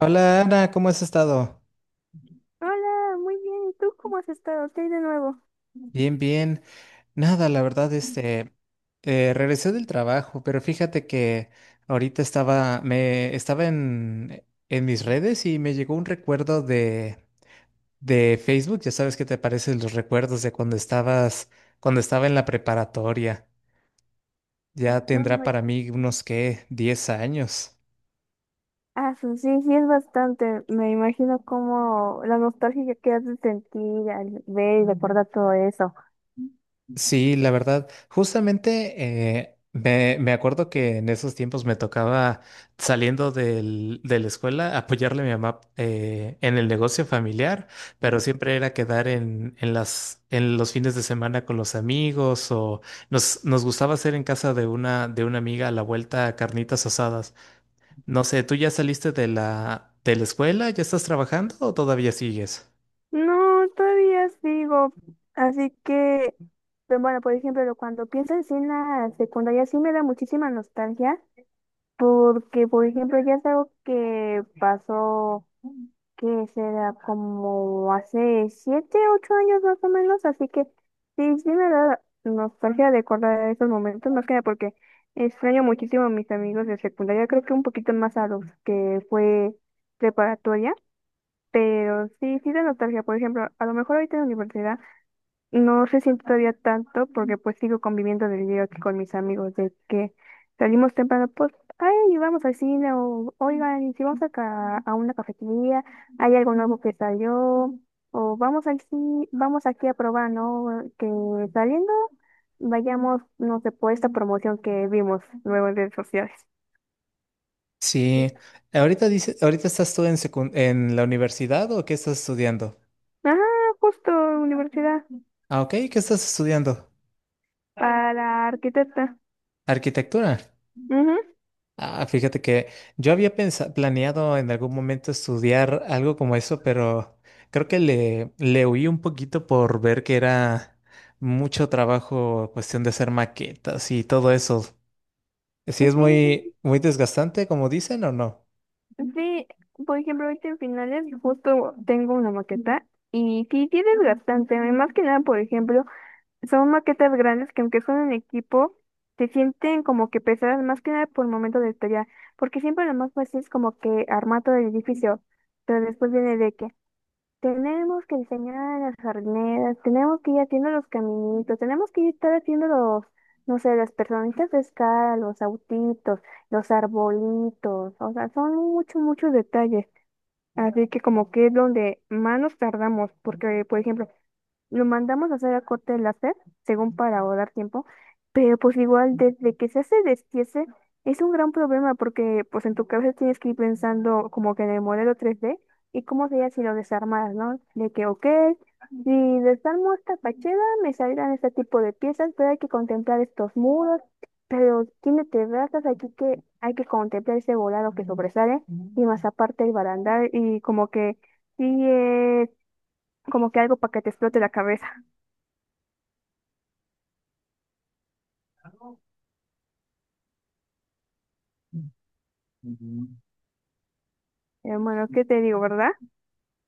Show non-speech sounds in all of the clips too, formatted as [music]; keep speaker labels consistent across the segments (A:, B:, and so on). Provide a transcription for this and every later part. A: Hola Ana, ¿cómo has estado?
B: Hola, muy bien. ¿Y tú cómo has estado? ¿Qué hay de nuevo?
A: Bien, bien. Nada, la verdad, este, regresé del trabajo, pero fíjate que ahorita me estaba en mis redes y me llegó un recuerdo de Facebook. Ya sabes qué te parecen los recuerdos de cuando cuando estaba en la preparatoria. Ya tendrá para
B: Ay,
A: mí unos, ¿qué? 10 años.
B: ah, sí, sí, es bastante. Me imagino como la nostalgia que has de sentir al ver y recordar todo eso.
A: Sí, la verdad, justamente me acuerdo que en esos tiempos me tocaba saliendo de la escuela apoyarle a mi mamá, en el negocio familiar, pero siempre era quedar en los fines de semana con los amigos, o nos gustaba hacer en casa de una amiga a la vuelta carnitas asadas. No sé, ¿tú ya saliste de la escuela? ¿Ya estás trabajando o todavía sigues?
B: No, todavía sigo. Así que, pero bueno, por ejemplo, cuando pienso en sí en la secundaria, sí me da muchísima nostalgia, porque, por ejemplo, ya es algo que pasó. Que será como hace 7, 8 años más o menos, así que sí, sí me da nostalgia de acordar esos momentos, más que nada porque extraño muchísimo a mis amigos de secundaria, creo que un poquito más a los que fue preparatoria, pero sí, sí da nostalgia, por ejemplo, a lo mejor ahorita en la universidad no se siente todavía tanto porque pues sigo conviviendo del día aquí con mis amigos de que salimos temprano, pues, ay, vamos al cine o, oigan, y si vamos a ca a una cafetería, hay algo nuevo que salió, o vamos al cine, vamos aquí a probar, ¿no? Que saliendo vayamos, no sé, por esta promoción que vimos luego en redes sociales.
A: Sí, ahorita ahorita estás tú en en la universidad, ¿o qué estás estudiando?
B: Ajá, justo universidad
A: Ah, ok, ¿qué estás estudiando?
B: para arquitecta.
A: Arquitectura.
B: Ujú.
A: Ah, fíjate que yo había planeado en algún momento estudiar algo como eso, pero creo que le huí un poquito por ver que era mucho trabajo, cuestión de hacer maquetas y todo eso. ¿Sí es
B: Sí.
A: muy, muy desgastante, como dicen, o no?
B: Sí, por ejemplo, ahorita en finales justo tengo una maqueta y sí tienes bastante, más que nada, por ejemplo, son maquetas grandes que aunque son en equipo, se sienten como que pesadas más que nada por el momento de tarea, porque siempre lo más fácil es como que armar todo el edificio, pero después viene de que, tenemos que diseñar a las jardineras, tenemos que ir haciendo los caminitos, tenemos que ir estar haciendo los, no sé, las personitas de escala, los autitos, los arbolitos, o sea, son muchos, muchos detalles. Así que como que es donde más nos tardamos, porque por ejemplo, lo mandamos a hacer a corte láser, según para ahorrar tiempo, pero pues igual desde que se hace destiese es un gran problema porque pues en tu cabeza tienes que ir pensando como que en el modelo 3D y cómo sería si lo desarmaras, ¿no? De que, ok, si desarmo esta fachada me saldrán este tipo de piezas, pero hay que contemplar estos muros, pero tiene terrazas aquí que hay que contemplar ese volado que sobresale y más aparte el barandal y como que sí es como que algo para que te explote la cabeza. [laughs] Hermano, ¿qué te digo, verdad?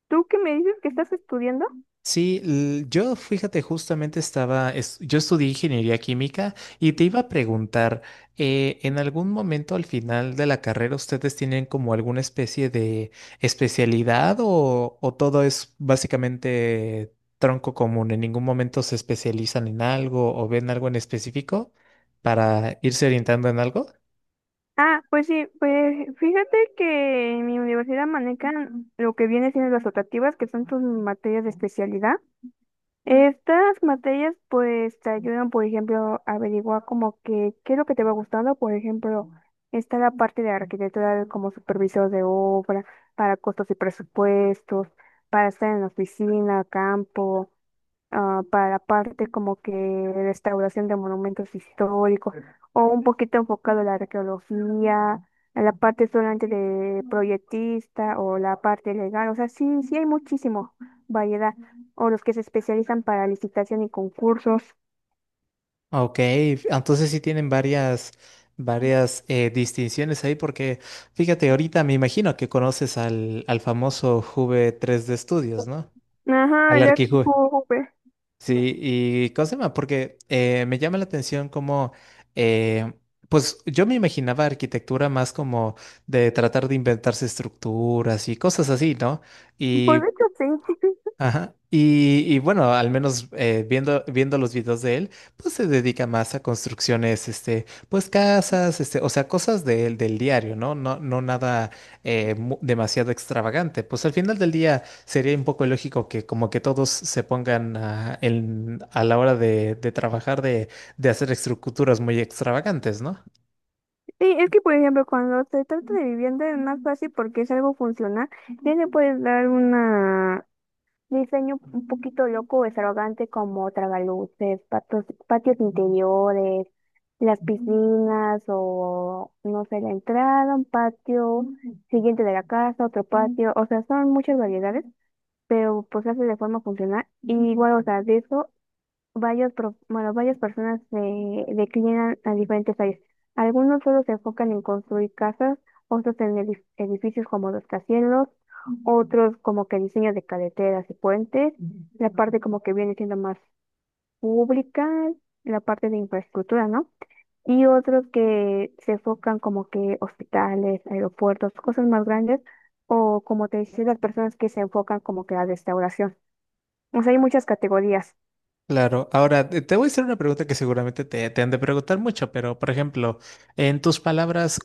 B: ¿Tú qué me dices que estás estudiando?
A: Sí, yo fíjate, justamente yo estudié ingeniería química y te iba a preguntar, ¿en algún momento al final de la carrera ustedes tienen como alguna especie de especialidad o todo es básicamente tronco común? ¿En ningún momento se especializan en algo o ven algo en específico para irse orientando en algo?
B: Ah, pues sí, pues fíjate que en mi universidad manejan lo que viene siendo las optativas, que son tus materias de especialidad. Estas materias pues te ayudan, por ejemplo, a averiguar como que qué es lo que te va gustando. Por ejemplo, está la parte de arquitectura como supervisor de obra, para costos y presupuestos, para estar en la oficina, campo, ah, para parte como que restauración de monumentos históricos o un poquito enfocado a la arqueología, a la parte solamente de proyectista o la parte legal, o sea, sí, sí hay muchísimo variedad, o los que se especializan para licitación y concursos.
A: Ok, entonces sí tienen varias distinciones ahí porque fíjate, ahorita me imagino que conoces al famoso Juve 3D Studios, ¿no?
B: Ajá,
A: Al
B: el
A: Arquijuve.
B: RQV.
A: Sí, y ¿cómo se llama? Porque me llama la atención como, eh, pues yo me imaginaba arquitectura más como de tratar de inventarse estructuras y cosas así, ¿no?
B: Pues
A: Y
B: de hecho sí. [laughs]
A: ajá. Y bueno, al menos, viendo los videos de él, pues se dedica más a construcciones, este, pues casas, este, o sea, cosas del diario, ¿no? No, no nada demasiado extravagante. Pues al final del día sería un poco ilógico que como que todos se pongan a la hora de trabajar, de hacer estructuras muy extravagantes, ¿no?
B: Sí, es que por ejemplo cuando se trata de vivienda es más fácil porque es algo funcional. Ya le puedes dar una. Diseño un poquito loco o extravagante como tragaluces, patios interiores, las piscinas o, no sé, la entrada, un patio siguiente de la casa, otro patio, o sea, son muchas variedades, pero pues se hace de forma funcional. Y igual, o sea, de eso varios, bueno, varias personas se declinan a diferentes áreas. Algunos solo se enfocan en construir casas, otros en edificios como los rascacielos, otros como que diseño de carreteras y puentes, la parte como que viene siendo más pública, la parte de infraestructura, ¿no? Y otros que se enfocan como que hospitales, aeropuertos, cosas más grandes, o como te decía, las personas que se enfocan como que a la restauración. O sea, hay muchas categorías.
A: Claro. Ahora, te voy a hacer una pregunta que seguramente te han de preguntar mucho, pero por ejemplo, en tus palabras,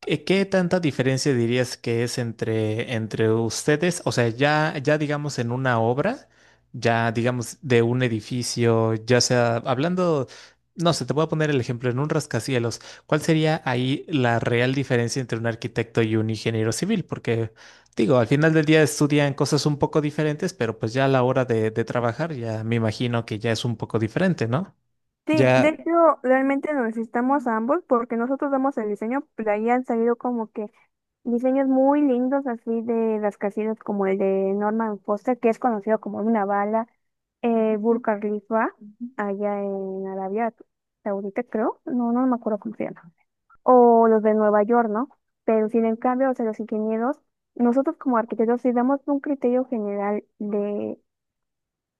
A: ¿Qué tanta diferencia dirías que es entre, entre ustedes? O sea, ya digamos en una obra, ya digamos de un edificio, ya sea hablando, no sé, te voy a poner el ejemplo en un rascacielos. ¿Cuál sería ahí la real diferencia entre un arquitecto y un ingeniero civil? Porque digo, al final del día estudian cosas un poco diferentes, pero pues ya a la hora de trabajar ya me imagino que ya es un poco diferente, ¿no?
B: Sí, de
A: Ya.
B: hecho, realmente nos necesitamos a ambos porque nosotros damos el diseño, pero ahí han salido como que diseños muy lindos así de las casillas como el de Norman Foster, que es conocido como una bala, Burj Khalifa, allá en Arabia Saudita, creo, no, no me acuerdo cómo se llama, o los de Nueva York, ¿no? Pero sin en cambio, o sea, los ingenieros, nosotros como arquitectos sí damos un criterio general de,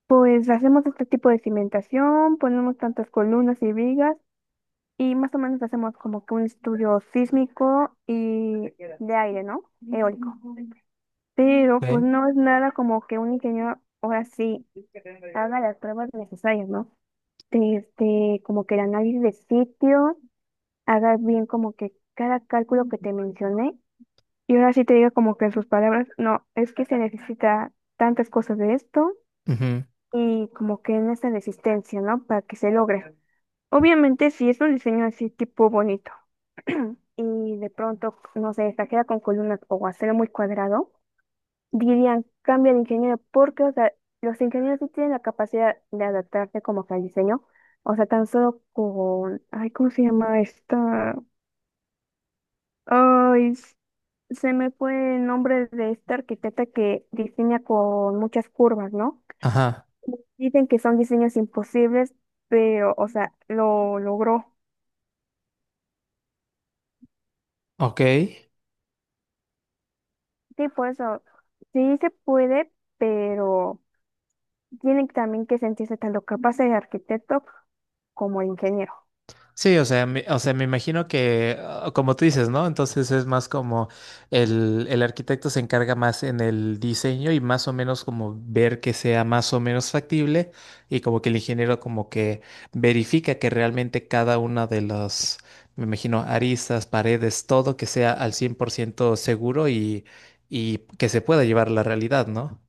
B: pues hacemos este tipo de cimentación, ponemos tantas columnas y vigas, y más o menos hacemos como que un estudio sísmico y de aire, ¿no? Eólico. Pero pues
A: Ok.
B: no es nada como que un ingeniero ahora sí haga las pruebas necesarias, ¿no? Este, como que el análisis de sitio, haga bien como que cada cálculo que te mencioné. Y ahora sí te diga como que en sus palabras, no, es que se necesita tantas cosas de esto
A: Ujú.
B: y como que en esta resistencia, ¿no? Para que se logre. Obviamente si es un diseño así tipo bonito. Y de pronto, no sé, esta queda con columnas o hacerlo muy cuadrado, dirían, cambia de ingeniero, porque, o sea, los ingenieros sí tienen la capacidad de adaptarse como que al diseño, o sea, tan solo con, ay, ¿cómo se llama esta? Ay, se me fue el nombre de esta arquitecta que diseña con muchas curvas, ¿no?
A: Ajá,
B: Dicen que son diseños imposibles, pero, o sea, lo logró.
A: ok.
B: Sí, por eso, sí se puede, pero... Tiene también que sentirse tanto capaz de arquitecto como de ingeniero.
A: Sí, o sea, o sea, me imagino que, ah, como tú dices, ¿no? Entonces es más como el arquitecto se encarga más en el diseño y más o menos como ver que sea más o menos factible, y como que el ingeniero como que verifica que realmente cada una de las, me imagino, aristas, paredes, todo que sea al 100% seguro, y que se pueda llevar a la realidad, ¿no?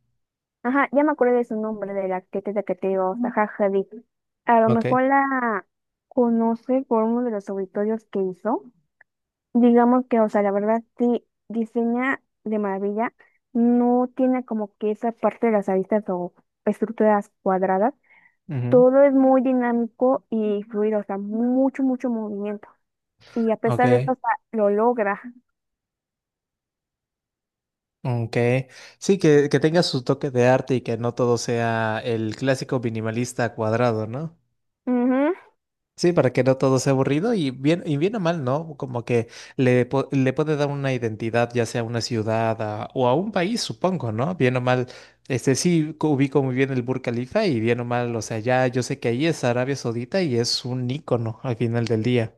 B: Ajá, ya me acuerdo de su nombre, de la arquitecta que te digo, Zaha Hadid. A lo
A: Ok.
B: mejor la conoce por uno de los auditorios que hizo. Digamos que, o sea, la verdad sí diseña de maravilla. No tiene como que esa parte de las aristas o estructuras cuadradas.
A: Ujú.
B: Todo es muy dinámico y fluido, o sea, mucho, mucho movimiento. Y a pesar de eso,
A: Ok.
B: o sea, lo logra.
A: Ok, sí, que tenga su toque de arte y que no todo sea el clásico minimalista cuadrado, ¿no?
B: Ujú,
A: Sí, para que no todo sea aburrido y bien o mal, ¿no? Como que le puede dar una identidad, ya sea a una ciudad o a un país, supongo, ¿no? Bien o mal, este sí ubico muy bien el Burj Khalifa, y bien o mal, o sea, ya yo sé que ahí es Arabia Saudita y es un ícono al final del día.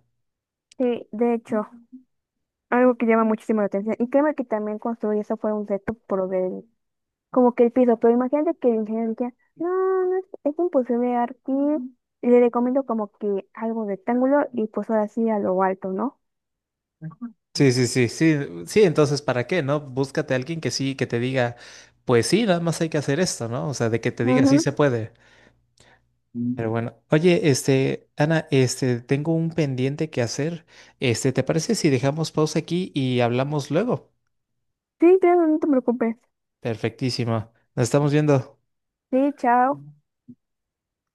B: sí, de hecho. Algo que llama muchísimo la atención. Y créeme que también construir eso fue un reto por ver como que el piso. Pero imagínate que el ingeniero decía, no, no es imposible aquí. Le recomiendo como que algo rectángulo y pues ahora sí a lo alto, ¿no?
A: Sí, sí, sí, sí, sí, entonces ¿para qué, no? Búscate a alguien que sí, que te diga, pues sí, nada más hay que hacer esto, ¿no? O sea, de que te diga sí
B: Ujú.
A: se puede. Pero bueno, oye, este, Ana, este, tengo un pendiente que hacer. Este, ¿te parece si dejamos pausa aquí y hablamos luego?
B: Sí, claro, no te preocupes.
A: Perfectísimo. Nos estamos viendo.
B: Sí, chao.